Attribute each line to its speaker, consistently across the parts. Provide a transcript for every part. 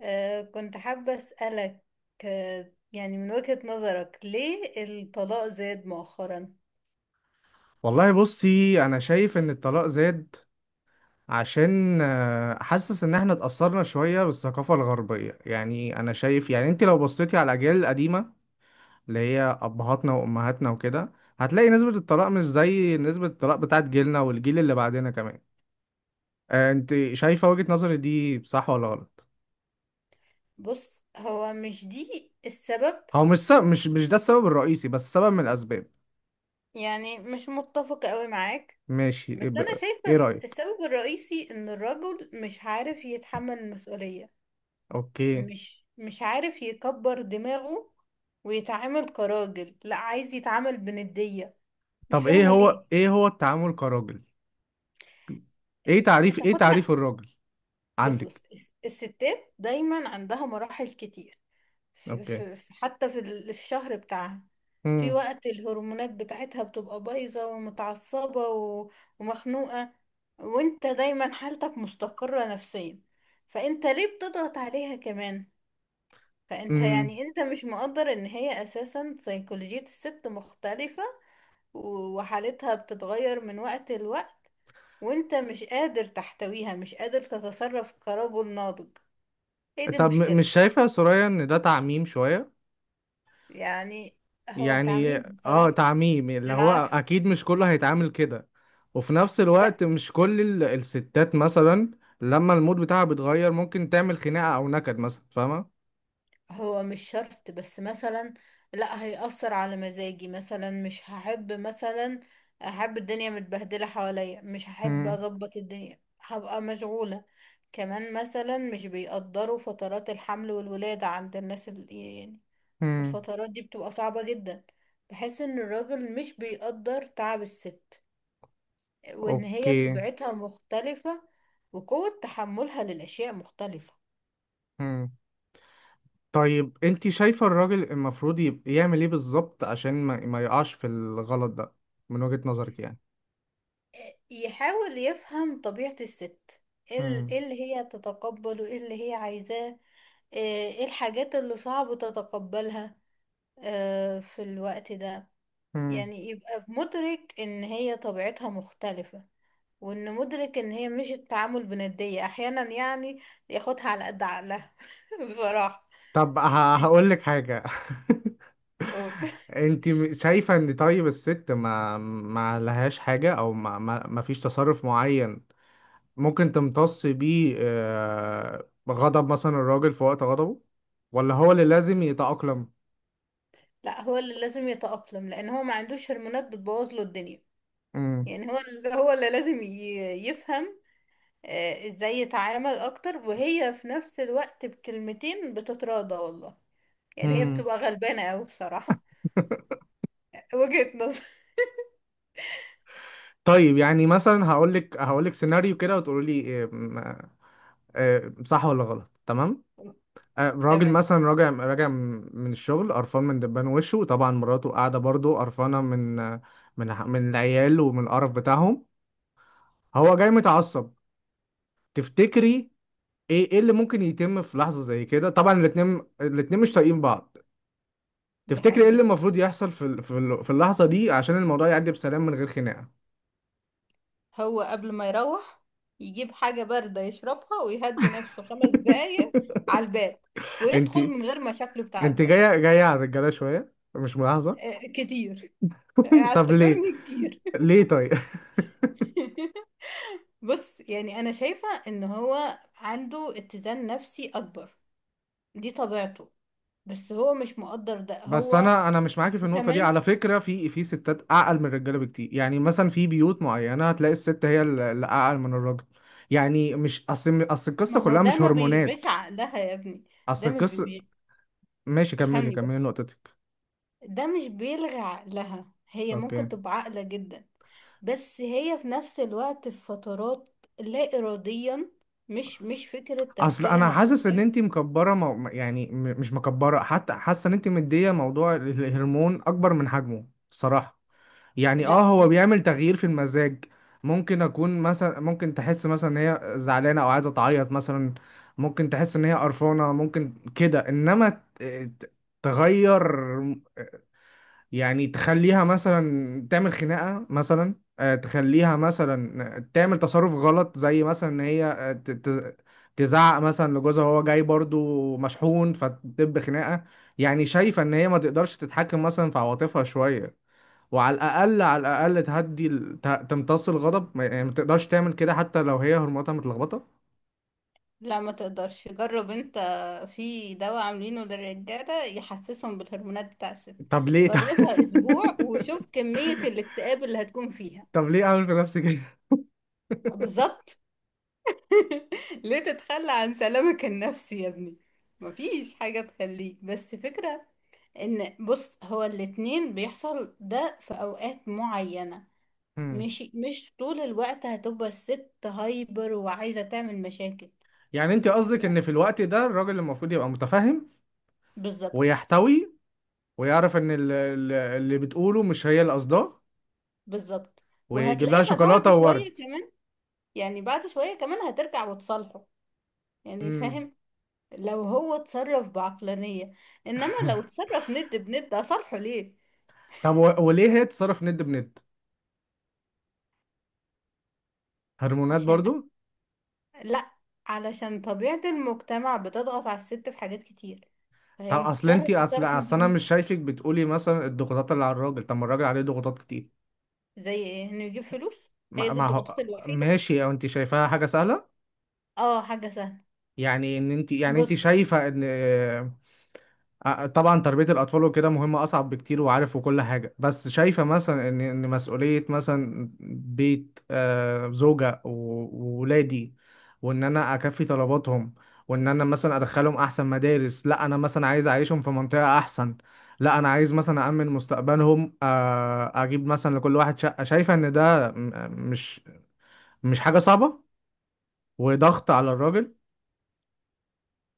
Speaker 1: كنت حابة أسألك. يعني من وجهة نظرك ليه الطلاق زاد مؤخرا؟
Speaker 2: والله بصي انا شايف ان الطلاق زاد عشان حاسس ان احنا اتأثرنا شوية بالثقافة الغربية. يعني انا شايف، يعني انت لو بصيتي على الاجيال القديمة اللي هي ابهاتنا وامهاتنا وكده، هتلاقي نسبة الطلاق مش زي نسبة الطلاق بتاعت جيلنا والجيل اللي بعدنا كمان. انت شايفة وجهة نظري دي صح ولا غلط؟
Speaker 1: بص، هو مش دي السبب.
Speaker 2: هو مش سبب، مش ده السبب الرئيسي بس سبب من الاسباب.
Speaker 1: يعني مش متفقة قوي معاك.
Speaker 2: ماشي،
Speaker 1: بس أنا
Speaker 2: إيه
Speaker 1: شايفة
Speaker 2: رأيك؟
Speaker 1: السبب الرئيسي إن الرجل مش عارف يتحمل المسؤولية.
Speaker 2: اوكي.
Speaker 1: مش عارف يكبر دماغه ويتعامل كراجل، لا عايز يتعامل بندية. مش
Speaker 2: طب ايه
Speaker 1: فاهمة ليه.
Speaker 2: هو ايه هو التعامل كراجل؟ ايه تعريف ايه
Speaker 1: تاخدها.
Speaker 2: تعريف الراجل؟
Speaker 1: بص
Speaker 2: عندك.
Speaker 1: بص، الستات دايما عندها مراحل كتير.
Speaker 2: اوكي.
Speaker 1: حتى في الشهر بتاعها. في
Speaker 2: امم.
Speaker 1: وقت الهرمونات بتاعتها بتبقى بايظة ومتعصبة ومخنوقة. وانت دايما حالتك مستقرة نفسيا، فانت ليه بتضغط عليها كمان؟ فانت
Speaker 2: امم.
Speaker 1: يعني انت مش مقدر ان هي اساسا سيكولوجية الست مختلفة. وحالتها بتتغير من وقت لوقت، وانت مش قادر تحتويها، مش قادر تتصرف كرجل ناضج. ايه دي
Speaker 2: طب
Speaker 1: المشكلة.
Speaker 2: مش شايفة يا سوريا ان ده تعميم شوية؟
Speaker 1: يعني هو
Speaker 2: يعني
Speaker 1: تعميم
Speaker 2: اه
Speaker 1: بصراحة.
Speaker 2: تعميم، اللي
Speaker 1: انا
Speaker 2: هو
Speaker 1: عارفة.
Speaker 2: اكيد مش كله هيتعامل كده. وفي نفس
Speaker 1: بقى.
Speaker 2: الوقت مش كل الستات مثلا لما المود بتاعها بيتغير ممكن تعمل خناقة او نكد مثلا، فاهمة؟
Speaker 1: هو مش شرط، بس مثلا لا هيأثر على مزاجي، مثلا مش هحب مثلا احب الدنيا متبهدلة حواليا، مش هحب
Speaker 2: امم.
Speaker 1: اظبط الدنيا، هبقى مشغولة. كمان مثلا مش بيقدروا فترات الحمل والولادة عند الناس يعني
Speaker 2: امم.
Speaker 1: الفترات دي بتبقى صعبة جدا. بحس ان الراجل مش بيقدر تعب الست، وان هي
Speaker 2: اوكي.
Speaker 1: طبيعتها مختلفة، وقوة تحملها للأشياء مختلفة.
Speaker 2: امم. طيب انت شايفة الراجل المفروض يبقى يعمل ايه بالظبط عشان ما يقعش في الغلط ده؟ من وجهة نظرك يعني.
Speaker 1: يحاول يفهم طبيعة الست. إيه اللي هي تتقبله، ايه اللي هي عايزاه. آه، ايه الحاجات اللي صعب تتقبلها في الوقت ده.
Speaker 2: امم.
Speaker 1: يعني يبقى مدرك ان هي طبيعتها مختلفة، وان مدرك ان هي مش التعامل بندية احيانا، يعني ياخدها على قد عقلها. بصراحة.
Speaker 2: طب
Speaker 1: مش.
Speaker 2: هقول لك حاجة.
Speaker 1: أقول.
Speaker 2: انت شايفة ان طيب الست ما لهاش حاجة، او ما فيش تصرف معين ممكن تمتص بيه غضب مثلا الراجل في وقت غضبه، ولا هو اللي لازم يتأقلم؟
Speaker 1: لا، هو اللي لازم يتأقلم لان هو ما عندوش هرمونات بتبوظ له الدنيا.
Speaker 2: امم.
Speaker 1: يعني هو اللي لازم يفهم ازاي يتعامل اكتر، وهي في نفس الوقت بكلمتين بتتراضى والله. يعني هي
Speaker 2: امم.
Speaker 1: بتبقى غلبانة اوي بصراحة. وجهة نظر.
Speaker 2: طيب، يعني مثلا هقول لك سيناريو كده وتقولي لي إيه، صح ولا غلط، تمام؟ راجل
Speaker 1: تمام.
Speaker 2: مثلا راجع من الشغل قرفان من دبان وشه، طبعا مراته قاعده برضه قرفانه من من العيال ومن القرف بتاعهم، هو جاي متعصب. تفتكري ايه اللي ممكن يتم في لحظه زي كده؟ طبعا الاتنين مش طايقين بعض.
Speaker 1: دي
Speaker 2: تفتكري ايه اللي
Speaker 1: حقيقة.
Speaker 2: المفروض يحصل في اللحظه دي عشان الموضوع يعدي بسلام من غير خناقه؟
Speaker 1: هو قبل ما يروح، يجيب حاجة باردة يشربها ويهدي نفسه خمس دقايق على الباب،
Speaker 2: انت
Speaker 1: ويدخل من غير مشاكله بتاعت
Speaker 2: انت
Speaker 1: بره.
Speaker 2: جايه على الرجاله شويه، مش ملاحظه؟
Speaker 1: كتير.
Speaker 2: طب ليه؟
Speaker 1: اعتبرني كتير.
Speaker 2: ليه طيب؟
Speaker 1: بص، يعني انا شايفة ان هو عنده اتزان نفسي اكبر، دي طبيعته. بس هو مش مقدر ده
Speaker 2: بس
Speaker 1: هو.
Speaker 2: انا مش معاكي في النقطه دي
Speaker 1: وكمان،
Speaker 2: على فكره. في ستات اعقل من الرجاله بكتير. يعني مثلا في بيوت معينه هتلاقي الست هي اللي اعقل من الراجل. يعني مش اصل
Speaker 1: ما
Speaker 2: القصه
Speaker 1: هو
Speaker 2: كلها
Speaker 1: ده
Speaker 2: مش
Speaker 1: ما
Speaker 2: هرمونات.
Speaker 1: بيلغيش عقلها يا ابني. ده
Speaker 2: اصل
Speaker 1: ما بي...
Speaker 2: القصه.
Speaker 1: بي-
Speaker 2: ماشي، كملي
Speaker 1: بيفهمني بس.
Speaker 2: كملي نقطتك.
Speaker 1: ده مش بيلغي عقلها، هي
Speaker 2: اوكي.
Speaker 1: ممكن تبقى عاقلة جدا، بس هي في نفس الوقت في فترات لا إراديا. مش فكرة
Speaker 2: اصل انا
Speaker 1: تفكيرها أو
Speaker 2: حاسس ان
Speaker 1: كده.
Speaker 2: انت مكبره مو... يعني م- مش مكبره، حتى حاسه ان انت مديه موضوع الهرمون اكبر من حجمه الصراحه. يعني اه
Speaker 1: لا
Speaker 2: هو
Speaker 1: بص،
Speaker 2: بيعمل تغيير في المزاج. ممكن اكون مثلا، ممكن تحس مثلا ان هي زعلانه او عايزه تعيط مثلا، ممكن تحس ان هي قرفانه، ممكن كده. انما ت- تغير، يعني تخليها مثلا تعمل خناقه مثلا، تخليها مثلا تعمل تصرف غلط، زي مثلا ان هي تزعق مثلا لجوزها وهو جاي برضو مشحون، فتدب خناقه. يعني شايفه ان هي ما تقدرش تتحكم مثلا في عواطفها شويه، وعلى الاقل على الاقل تهدي تمتص الغضب. يعني ما تقدرش تعمل كده حتى لو هي هرموناتها متلخبطه؟
Speaker 1: لا ما تقدرش. جرب انت. في دواء عاملينه للرجالة يحسسهم بالهرمونات بتاع الست.
Speaker 2: طب ليه؟
Speaker 1: جربها أسبوع وشوف كمية الاكتئاب اللي هتكون فيها.
Speaker 2: طب ليه اعمل في نفسي كده؟
Speaker 1: بالظبط. ليه تتخلى عن سلامك النفسي يا ابني؟ مفيش حاجة تخليك، بس فكرة ان بص، هو الاتنين بيحصل ده في اوقات معينة.
Speaker 2: مم.
Speaker 1: مش طول الوقت هتبقى الست هايبر وعايزة تعمل مشاكل.
Speaker 2: يعني انت قصدك ان في الوقت ده الراجل المفروض يبقى متفهم
Speaker 1: بالظبط.
Speaker 2: ويحتوي ويعرف ان اللي بتقوله مش هي اللي قصداه،
Speaker 1: بالظبط.
Speaker 2: ويجيب لها
Speaker 1: وهتلاقيها بعد
Speaker 2: شوكولاته وورد.
Speaker 1: شوية كمان، يعني بعد شوية كمان هترجع وتصالحه. يعني
Speaker 2: امم.
Speaker 1: فاهم، لو هو اتصرف بعقلانية. انما لو اتصرف ند بند، اصالحه ليه؟
Speaker 2: طب وليه هي تتصرف ند بند؟ هرمونات
Speaker 1: عشان،
Speaker 2: برضو؟
Speaker 1: لا، علشان طبيعة المجتمع بتضغط على الست في حاجات كتير، فهي
Speaker 2: طب اصل
Speaker 1: مضطرة
Speaker 2: انت اصل
Speaker 1: تتصرف.
Speaker 2: اصل انا مش شايفك بتقولي مثلا الضغوطات اللي على الراجل. طب ما الراجل عليه ضغوطات كتير.
Speaker 1: زي ايه، انه يجيب فلوس؟ هي
Speaker 2: ما
Speaker 1: دي
Speaker 2: ما
Speaker 1: الضغوطات
Speaker 2: هو
Speaker 1: الوحيدة؟
Speaker 2: ماشي، او انت شايفاها حاجه سهله؟
Speaker 1: اه، حاجة سهلة.
Speaker 2: يعني ان انت يعني انت
Speaker 1: بص،
Speaker 2: شايفه ان طبعا تربيه الاطفال وكده مهمه اصعب بكتير، وعارف وكل حاجه. بس شايفه مثلا ان مسؤوليه مثلا بيت، زوجه وولادي، وان انا اكفي طلباتهم، وان انا مثلا ادخلهم احسن مدارس، لا انا مثلا عايز اعيشهم في منطقه احسن، لا انا عايز مثلا امن مستقبلهم، اجيب مثلا لكل واحد شقه، شايفه ان ده مش مش حاجه صعبه وضغط على الراجل.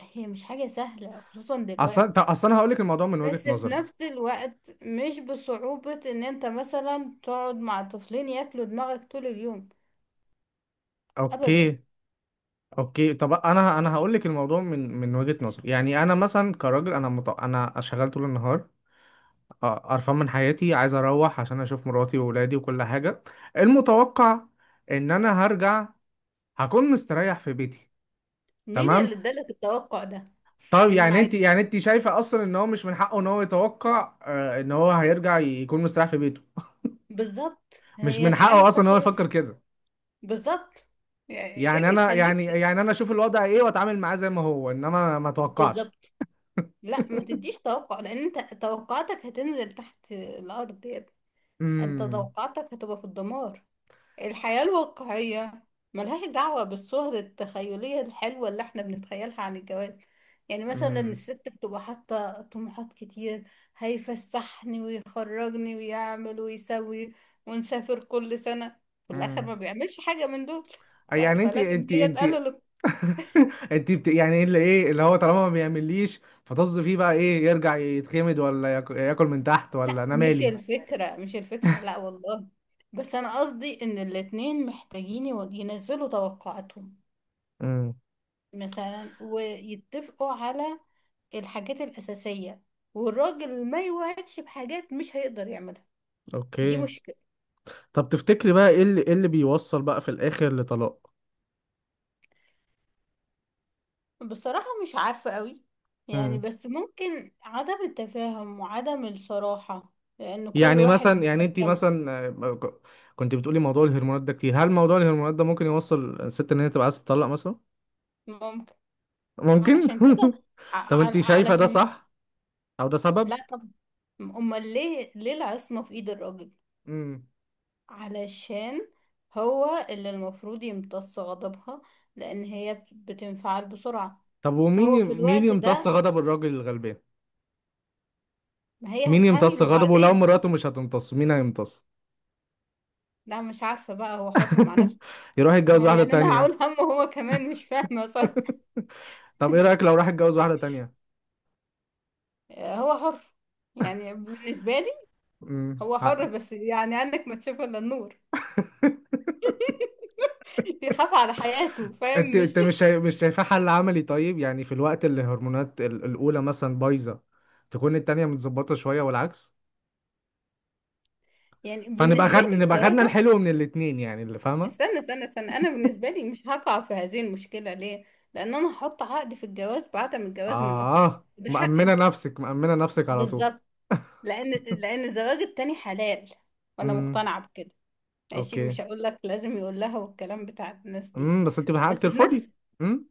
Speaker 1: هي مش حاجة سهلة خصوصا
Speaker 2: اصل
Speaker 1: دلوقتي،
Speaker 2: طب اصل انا هقول لك الموضوع من وجهة
Speaker 1: بس في
Speaker 2: نظري.
Speaker 1: نفس الوقت مش بصعوبة ان انت مثلا تقعد مع طفلين ياكلوا دماغك طول اليوم. ابدا.
Speaker 2: اوكي. اوكي طب انا هقول لك الموضوع من وجهة نظري. يعني انا مثلا كراجل، انا شغال طول النهار، قرفان من حياتي، عايز اروح عشان اشوف مراتي واولادي وكل حاجة. المتوقع ان انا هرجع هكون مستريح في بيتي.
Speaker 1: مين
Speaker 2: تمام.
Speaker 1: اللي ادالك التوقع ده؟
Speaker 2: طب
Speaker 1: يعني انا عايزة.
Speaker 2: انت شايفة اصلا ان هو مش من حقه ان هو يتوقع ان هو هيرجع يكون مستريح في بيته؟
Speaker 1: بالظبط،
Speaker 2: مش
Speaker 1: هي
Speaker 2: من
Speaker 1: الحياة ما
Speaker 2: حقه اصلا
Speaker 1: فيهاش
Speaker 2: ان هو يفكر
Speaker 1: راحة.
Speaker 2: كده؟
Speaker 1: بالظبط، يعني ايه
Speaker 2: يعني
Speaker 1: اللي
Speaker 2: انا يعني
Speaker 1: يخليك.
Speaker 2: يعني انا اشوف الوضع ايه واتعامل معاه زي ما هو، انما ما اتوقعش.
Speaker 1: بالظبط. لا، ما تديش توقع، لان انت توقعاتك هتنزل تحت الارض يا ابني. انت
Speaker 2: امم.
Speaker 1: توقعاتك هتبقى في الدمار. الحياة الواقعية ملهاش دعوة بالصور التخيلية الحلوة اللي احنا بنتخيلها عن الجواز. يعني مثلا
Speaker 2: امم.
Speaker 1: الست بتبقى حاطة طموحات كتير: هيفسحني ويخرجني ويعمل ويسوي، ونسافر كل سنة. في الآخر ما
Speaker 2: امم.
Speaker 1: بيعملش حاجة من دول.
Speaker 2: يعني انت
Speaker 1: فلازم
Speaker 2: انت
Speaker 1: هي
Speaker 2: انت.
Speaker 1: تقلل.
Speaker 2: يعني ايه اللي هو، طالما ما بيعمليش، فطز فيه بقى. ايه، يرجع يتخمد، ولا ياكل من تحت،
Speaker 1: لا،
Speaker 2: ولا انا
Speaker 1: مش
Speaker 2: مالي؟
Speaker 1: الفكرة، مش الفكرة، لا والله. بس أنا قصدي إن الاتنين محتاجين ينزلوا توقعاتهم
Speaker 2: امم.
Speaker 1: مثلا، ويتفقوا على الحاجات الأساسية، والراجل ما يوعدش بحاجات مش هيقدر يعملها. دي
Speaker 2: اوكي.
Speaker 1: مشكلة.
Speaker 2: طب تفتكري بقى ايه اللي بيوصل بقى في الاخر لطلاق؟
Speaker 1: بصراحة مش عارفة قوي. يعني
Speaker 2: امم.
Speaker 1: بس ممكن عدم التفاهم وعدم الصراحة، لأن كل
Speaker 2: يعني
Speaker 1: واحد
Speaker 2: مثلا يعني
Speaker 1: بيبقى
Speaker 2: انت
Speaker 1: جنب.
Speaker 2: مثلا، آه، ك- كنت بتقولي موضوع الهرمونات ده كتير. هل موضوع الهرمونات ده ممكن يوصل الست ان هي تبقى عايزه تطلق مثلا؟
Speaker 1: ممكن،
Speaker 2: ممكن.
Speaker 1: علشان كده.
Speaker 2: طب انت شايفة ده
Speaker 1: علشان،
Speaker 2: صح او ده سبب؟
Speaker 1: لا طبعا، امال ليه العصمة في ايد الراجل.
Speaker 2: امم.
Speaker 1: علشان هو اللي المفروض يمتص غضبها، لان هي بتنفعل بسرعة.
Speaker 2: طب ومين
Speaker 1: فهو
Speaker 2: ي...
Speaker 1: في
Speaker 2: مين
Speaker 1: الوقت
Speaker 2: يمتص
Speaker 1: ده،
Speaker 2: غضب الراجل الغلبان؟
Speaker 1: ما هي
Speaker 2: مين يمتص
Speaker 1: هتحايله
Speaker 2: غضبه لو
Speaker 1: بعدين.
Speaker 2: مراته مش هتمتص؟ مين هيمتص؟
Speaker 1: لا، مش عارفة. بقى هو حر مع نفسه.
Speaker 2: يروح يتجوز واحدة
Speaker 1: يعني انا هقول
Speaker 2: تانية.
Speaker 1: همه، هو كمان مش فاهمة صح.
Speaker 2: طب ايه رأيك لو راح يتجوز واحدة تانية؟
Speaker 1: هو حر، يعني بالنسبة لي
Speaker 2: امم،
Speaker 1: هو حر،
Speaker 2: حق.
Speaker 1: بس يعني عندك ما تشوف الا النور. يخاف على حياته،
Speaker 2: انت
Speaker 1: فاهم مش؟
Speaker 2: مش شايفاه حل عملي؟ طيب يعني في الوقت اللي الهرمونات الاولى مثلا بايظه، تكون التانية متظبطه شويه والعكس،
Speaker 1: يعني بالنسبة لي
Speaker 2: نبقى خدنا
Speaker 1: بصراحة،
Speaker 2: الحلو من الاتنين، يعني، اللي فاهمه.
Speaker 1: استنى استنى استنى، انا بالنسبه لي مش هقع في هذه المشكله. ليه؟ لان انا هحط عقد في الجواز بعدم الجواز من اخرى.
Speaker 2: اه،
Speaker 1: ده حقي.
Speaker 2: مأمنة نفسك على طول.
Speaker 1: بالظبط. لان الزواج التاني حلال، وانا
Speaker 2: امم.
Speaker 1: مقتنعه بكده. ماشي،
Speaker 2: اوكي.
Speaker 1: مش هقول لك لازم يقول لها والكلام بتاع الناس دي.
Speaker 2: بس انت
Speaker 1: بس
Speaker 2: بحقك
Speaker 1: في
Speaker 2: ترفضي.
Speaker 1: نفس.
Speaker 2: امم.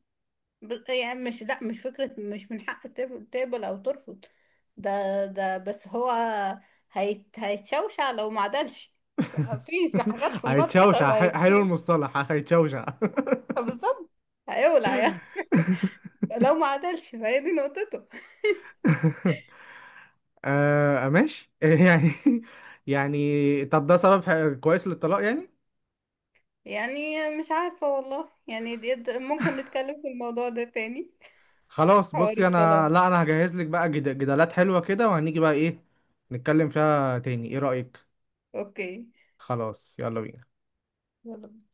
Speaker 1: يعني مش، لا مش فكره، مش من حق تقبل او ترفض. ده بس هو هيتشوشع لو ما عدلش. في في حاجات في النار
Speaker 2: هيتشوشع.
Speaker 1: كده
Speaker 2: حلو المصطلح، هيتشوشع.
Speaker 1: بالظبط. هيولع يعني، لو ما عدلش، فهي دي نقطته.
Speaker 2: آه ماشي. يعني يعني طب ده سبب كويس للطلاق يعني؟
Speaker 1: يعني مش عارفة والله. يعني ممكن نتكلم في الموضوع ده تاني.
Speaker 2: خلاص
Speaker 1: حوار
Speaker 2: بصي
Speaker 1: الطلاق.
Speaker 2: انا، لا انا هجهز لك بقى جدالات حلوة كده، وهنيجي بقى ايه، نتكلم فيها تاني، ايه رأيك؟
Speaker 1: اوكي.
Speaker 2: خلاص، يلا بينا.
Speaker 1: يلا.